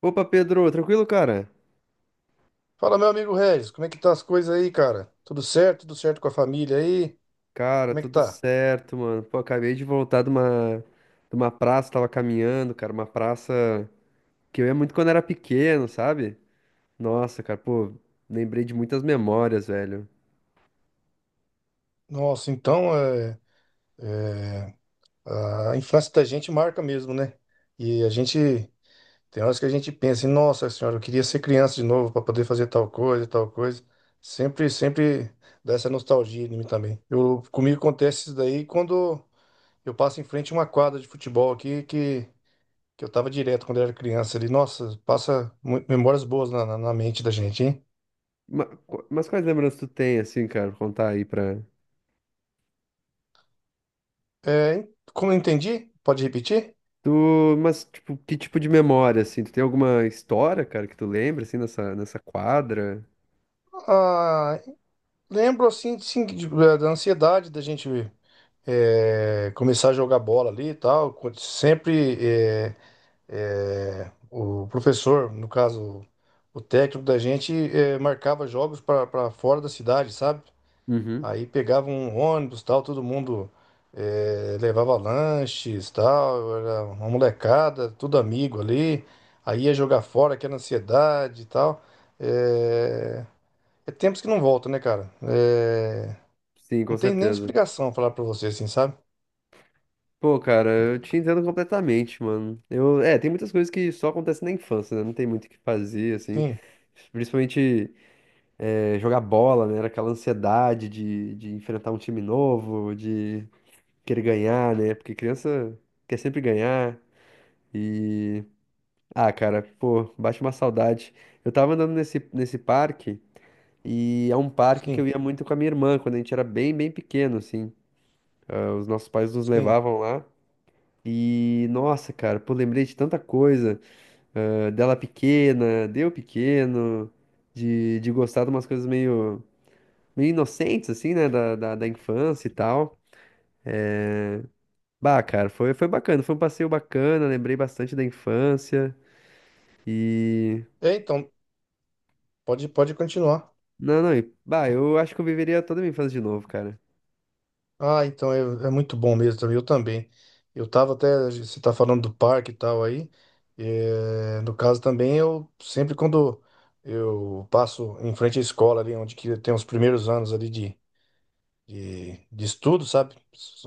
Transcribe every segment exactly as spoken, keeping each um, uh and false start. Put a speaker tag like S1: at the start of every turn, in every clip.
S1: Opa, Pedro, tranquilo, cara?
S2: Fala, meu amigo Regis, como é que tá as coisas aí, cara? Tudo certo? Tudo certo com a família aí?
S1: Cara,
S2: Como é que
S1: tudo
S2: tá?
S1: certo, mano. Pô, acabei de voltar de uma, de uma praça, tava caminhando, cara, uma praça que eu ia muito quando era pequeno, sabe? Nossa, cara, pô, lembrei de muitas memórias, velho.
S2: Nossa, então é, a infância da gente marca mesmo, né? E a gente tem horas que a gente pensa, em, nossa senhora, eu queria ser criança de novo para poder fazer tal coisa, tal coisa. Sempre, sempre dá essa nostalgia em mim também. Eu, comigo acontece isso daí quando eu passo em frente a uma quadra de futebol aqui que, que eu tava direto quando eu era criança ali. Nossa, passa mu- memórias boas na, na na mente da gente, hein?
S1: Ma- qu- Mas quais lembranças tu tem, assim, cara, contar aí pra...
S2: É, como eu entendi, pode repetir?
S1: Tu, mas, tipo, que tipo de memória, assim? Tu tem alguma história, cara, que tu lembra, assim, nessa, nessa quadra?
S2: Ah, lembro assim, sim, de- é, da ansiedade da gente é, começar a jogar bola ali e tal. Quando Sempre é, é, O professor, no caso o técnico da gente, é, marcava jogos para fora da cidade, sabe?
S1: Uhum.
S2: Aí pegava um ônibus, tal, todo mundo eh, levava lanches, tal, era uma molecada, tudo amigo ali. Aí ia jogar fora, aquela ansiedade e tal. Eh, É, tempos que não voltam, né, cara? Eh,
S1: Sim,
S2: Não
S1: com
S2: tem nem
S1: certeza.
S2: explicação falar pra você assim, sabe?
S1: Pô, cara, eu te entendo completamente, mano. Eu, é, tem muitas coisas que só acontecem na infância, né? Não tem muito o que fazer, assim.
S2: Sim,
S1: Principalmente eh, jogar bola, né? Era aquela ansiedade de, de enfrentar um time novo, de querer ganhar, né? Porque criança quer sempre ganhar. E. Ah, cara, pô, bate uma saudade. Eu tava andando nesse, nesse parque, e é um parque que
S2: sim,
S1: eu ia muito com a minha irmã, quando a gente era bem, bem pequeno, assim. Ah, os nossos pais nos
S2: sim.
S1: levavam lá. E nossa, cara, pô, lembrei de tanta coisa, ah, dela pequena, de eu pequeno, de, de gostar de umas coisas meio, meio inocentes, assim, né, da, da, da infância e tal. Bah, cara, foi, foi bacana, foi um passeio bacana, lembrei bastante da infância e.
S2: É, então, pode, pode continuar.
S1: Não, não, e, bah, eu acho que eu viveria toda a minha infância de novo, cara.
S2: Ah, então é, é muito bom mesmo também. Eu também. Eu tava até. Você tá falando do parque e tal aí. Eh, no caso também, eu sempre quando eu passo em frente à escola ali, onde que tem os primeiros anos ali de, de, de estudo, sabe?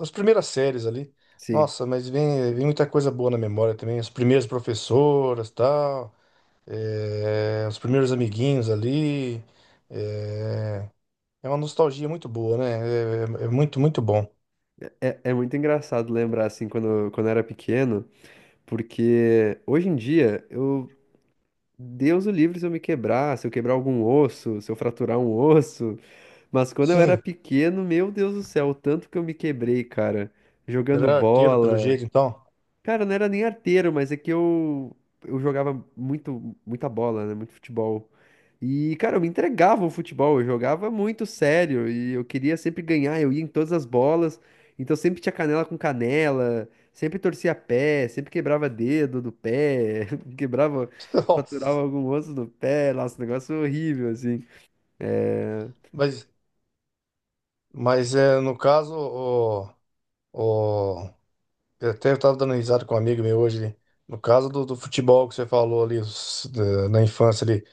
S2: As primeiras séries ali.
S1: Sim,
S2: Nossa, mas vem, vem muita coisa boa na memória também. As primeiras professoras e tal. Eh, os primeiros amiguinhos ali. eh, É uma nostalgia muito boa, né? É é- é muito, muito bom.
S1: é, é muito engraçado lembrar, assim, quando, quando eu era pequeno, porque hoje em dia eu Deus o livre se eu me quebrar, se eu quebrar algum osso, se eu fraturar um osso. Mas quando eu era
S2: Sim.
S1: pequeno, meu Deus do céu, o tanto que eu me quebrei, cara. Jogando
S2: Era arteiro, pelo
S1: bola.
S2: jeito, então.
S1: Cara, eu não era nem arteiro, mas é que eu, eu jogava muito, muita bola, né? Muito futebol. E, cara, eu me entregava ao futebol, eu jogava muito sério e eu queria sempre ganhar, eu ia em todas as bolas, então sempre tinha canela com canela, sempre torcia pé, sempre quebrava dedo do pé, quebrava,
S2: Nossa.
S1: fraturava algum osso do pé, nossa, um negócio horrível, assim. É,
S2: Mas, mas é, no caso, o, o, Eu até estava dando risada com um amigo meu hoje ali. No caso do, do futebol que você falou ali, os- da- na infância ali,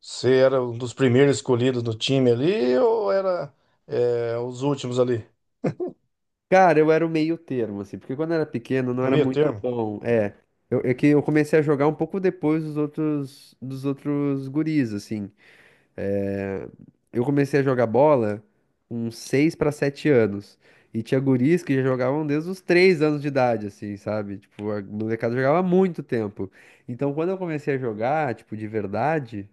S2: você era um dos primeiros escolhidos do time ali ou era é, os últimos ali?
S1: cara, eu era o meio termo, assim, porque quando eu era pequeno eu não
S2: No
S1: era
S2: meio
S1: muito
S2: termo.
S1: bom, é. Eu, é que eu comecei a jogar um pouco depois dos outros, dos outros guris, assim. É, eu comecei a jogar bola com seis para sete anos. E tinha guris que já jogavam desde os três anos de idade, assim, sabe? Tipo, a molecada jogava há muito tempo. Então, quando eu comecei a jogar, tipo, de verdade,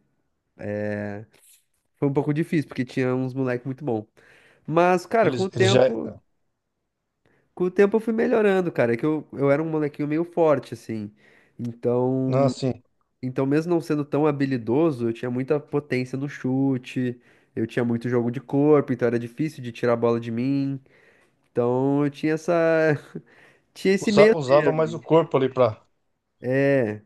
S1: foi um pouco difícil, porque tinha uns moleques muito bons. Mas, cara, com
S2: Eles,
S1: o
S2: eles já.
S1: tempo,
S2: ah,
S1: com o tempo eu fui melhorando, cara. É que eu, eu era um molequinho meio forte, assim.
S2: Não,
S1: Então,
S2: assim,
S1: Então, mesmo não sendo tão habilidoso, eu tinha muita potência no chute, eu tinha muito jogo de corpo, então era difícil de tirar a bola de mim. Então, eu tinha essa, tinha esse
S2: usa-
S1: meio
S2: usava mais o
S1: termo.
S2: corpo ali para.
S1: É,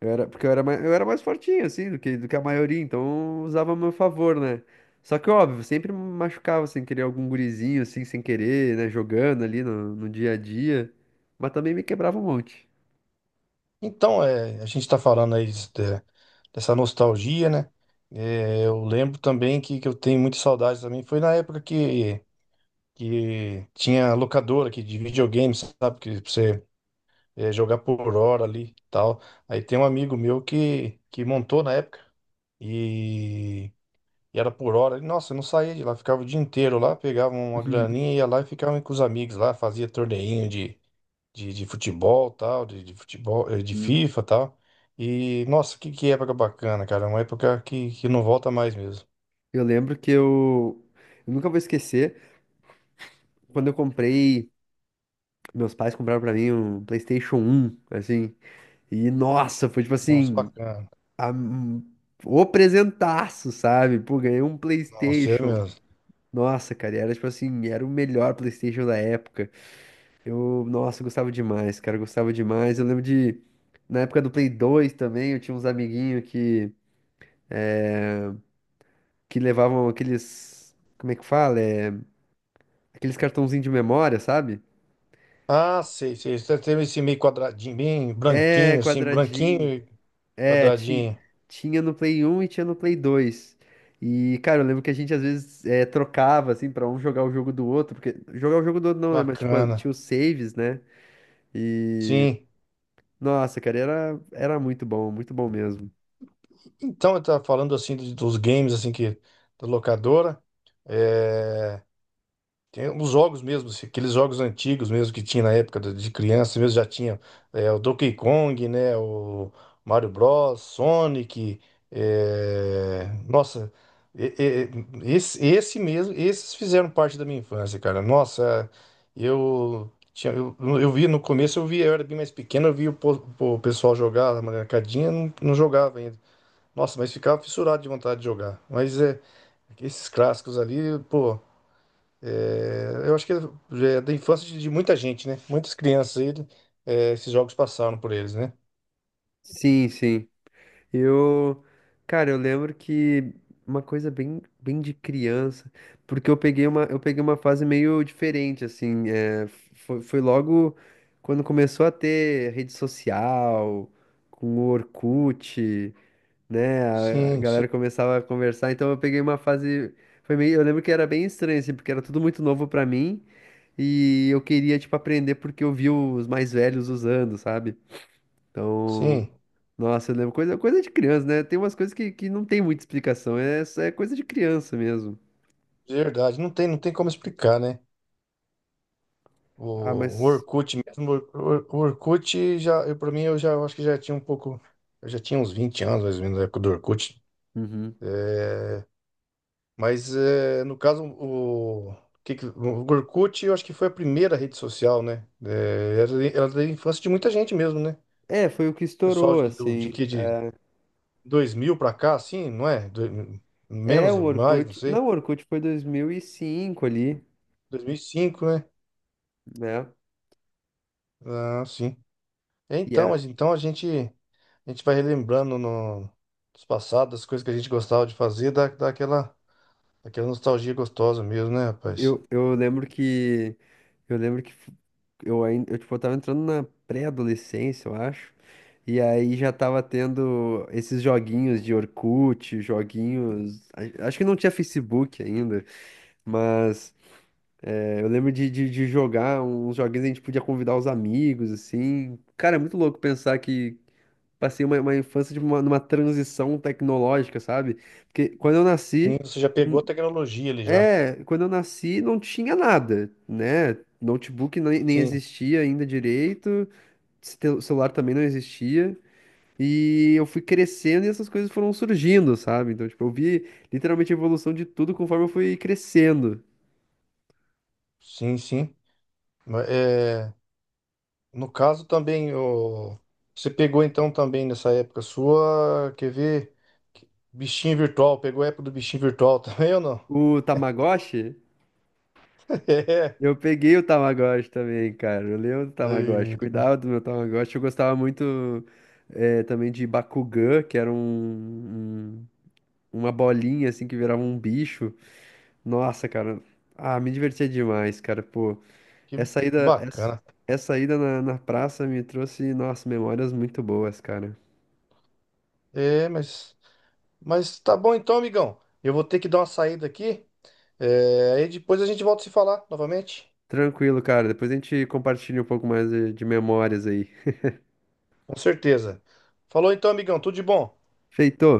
S1: eu era, porque eu era mais, eu era mais fortinho, assim, do que, do que a maioria, então eu usava a meu favor, né? Só que, óbvio, sempre me machucava sem querer algum gurizinho, assim, sem querer, né? Jogando ali no, no dia a dia. Mas também me quebrava um monte.
S2: Então, é, a gente está falando aí des- de- dessa nostalgia, né? É, eu lembro também que, que eu tenho muita saudade também. Foi na época que, que tinha locadora aqui de videogame, sabe? Que pra você é, jogar por hora ali e tal. Aí tem um amigo meu que, que montou na época. E era por hora. E, nossa, eu não saía de lá, ficava o dia inteiro lá, pegava uma graninha, ia lá e ficava com os amigos lá, fazia torneinho de, de, de futebol, tal, de, de futebol, eh, de
S1: Uhum.
S2: FIFA, tal. E, nossa, que, que época bacana, cara. Uma época que, que não volta mais mesmo.
S1: Eu lembro que eu, eu nunca vou esquecer, quando eu comprei. Meus pais compraram pra mim um PlayStation um assim. E nossa, foi tipo
S2: Nossa,
S1: assim,
S2: bacana.
S1: a- um- o presentaço, sabe? Pô, ganhei um
S2: Nossa, é
S1: PlayStation.
S2: mesmo.
S1: Nossa, cara, e era tipo assim, era o melhor PlayStation da época. Eu, nossa, eu gostava demais, cara, eu gostava demais. Eu lembro de, na época do Play dois também, eu tinha uns amiguinhos que, que levavam aqueles, como é que fala? É, aqueles cartãozinhos de memória, sabe?
S2: Ah, sei, sei. Você teve esse meio quadradinho, bem
S1: É,
S2: branquinho, assim, branquinho
S1: quadradinho.
S2: e
S1: É, ti-
S2: quadradinho.
S1: Tinha no Play um e tinha no Play dois. E, cara, eu lembro que a gente às vezes é, trocava, assim, pra um jogar o jogo do outro, porque jogar o jogo do outro não, né? Mas, tipo,
S2: Bacana.
S1: tinha os saves, né? E,
S2: Sim.
S1: nossa, cara, era, era muito bom, muito bom mesmo.
S2: Então, eu tava falando, assim, dos dos games, assim, que da locadora. É... Tem os jogos mesmo, assim, aqueles jogos antigos mesmo que tinha na época do- de criança mesmo, já tinha é, o Donkey Kong, né? O Mario Bros, Sonic. é, Nossa, e- e- esse, esse mesmo, esses fizeram parte da minha infância, cara. Nossa, eu tinha, eu, eu vi no começo, eu vi, eu era bem mais pequeno, eu vi o, po- o pessoal jogar na marcadinha, não, não jogava ainda. Nossa, mas ficava fissurado de vontade de jogar. Mas é, esses clássicos ali, pô. É, eu acho que é da infância de, de muita gente, né? Muitas crianças aí, é, esses jogos passaram por eles, né?
S1: Sim, sim. Eu, cara, eu lembro que uma coisa bem, bem de criança, porque eu peguei uma, eu peguei uma fase meio diferente, assim, é, foi, foi logo quando começou a ter rede social, com o Orkut, né, a, a
S2: Sim, sim,
S1: galera começava a conversar, então eu peguei uma fase, foi meio, eu lembro que era bem estranho, assim, porque era tudo muito novo pra mim, e eu queria, tipo, aprender porque eu vi os mais velhos usando, sabe? Então,
S2: sim.
S1: nossa, eu lembro, coisa, coisa de criança, né? Tem umas coisas que, que não tem muita explicação, é, é coisa de criança mesmo.
S2: De verdade. Não tem, não tem como explicar, né?
S1: Ah,
S2: O, o
S1: mas.
S2: Orkut mesmo, o, Or- o Orkut já, eu, pra mim, eu já eu acho que já tinha um pouco. Eu já tinha uns vinte anos, mais ou menos, na época do Orkut.
S1: Uhum.
S2: É, mas é, no caso, o, que que- o Orkut eu acho que foi a primeira rede social, né? É, era, era da infância de muita gente mesmo, né?
S1: É, foi o que
S2: Pessoal
S1: estourou,
S2: de, do, de,
S1: assim.
S2: que- de, dois mil pra cá, assim, não é? Do-
S1: É,
S2: menos
S1: o
S2: ou mais, não
S1: Orkut.
S2: sei.
S1: Não, o Orkut foi dois mil e cinco ali,
S2: dois mil e cinco, né?
S1: né?
S2: Ah, sim. É,
S1: E
S2: então,
S1: era.
S2: mas então a gente a gente vai relembrando no dos passados, das coisas que a gente gostava de fazer, dá, dá aquela, aquela nostalgia gostosa mesmo, né, rapaz?
S1: Eu, eu lembro que. Eu lembro que f- eu ainda. Eu, tipo, Eu tava entrando na pré-adolescência, eu acho. E aí já tava tendo esses joguinhos de Orkut, joguinhos. a- Acho que não tinha Facebook ainda. Mas é, eu lembro de, de, de jogar uns joguinhos, a gente podia convidar os amigos, assim. Cara, é muito louco pensar que passei uma, uma infância de uma- numa transição tecnológica, sabe? Porque quando eu
S2: Sim,
S1: nasci,
S2: você já
S1: hum,
S2: pegou a tecnologia ali já.
S1: é, quando eu nasci não tinha nada, né? Notebook nem, nem
S2: Sim,
S1: existia ainda direito, cel- celular também não existia. E eu fui crescendo e essas coisas foram surgindo, sabe? Então, tipo, eu vi literalmente a evolução de tudo conforme eu fui crescendo.
S2: sim, sim. Mas, É, no caso também, o, você pegou então também nessa época sua, quer ver? que- Bichinho virtual, pegou a época do bichinho virtual também ou não?
S1: O Tamagotchi.
S2: É,
S1: Eu peguei o Tamagotchi também, cara. Eu lembro do Tamagotchi.
S2: Ei,
S1: Cuidava do meu Tamagotchi. Eu gostava muito eh, também de Bakugan, que era um, um- uma bolinha assim que virava um bicho. Nossa, cara. Ah, me divertia demais, cara. Pô,
S2: que
S1: essa ida, essa,
S2: bacana.
S1: essa ida na, na praça me trouxe, nossa, memórias muito boas, cara.
S2: É, mas, mas tá bom então, amigão. Eu vou ter que dar uma saída aqui. É, aí depois a gente volta a se falar novamente.
S1: Tranquilo, cara. Depois a gente compartilha um pouco mais de, de memórias aí.
S2: Com certeza. Falou então, amigão. Tudo de bom.
S1: Feito!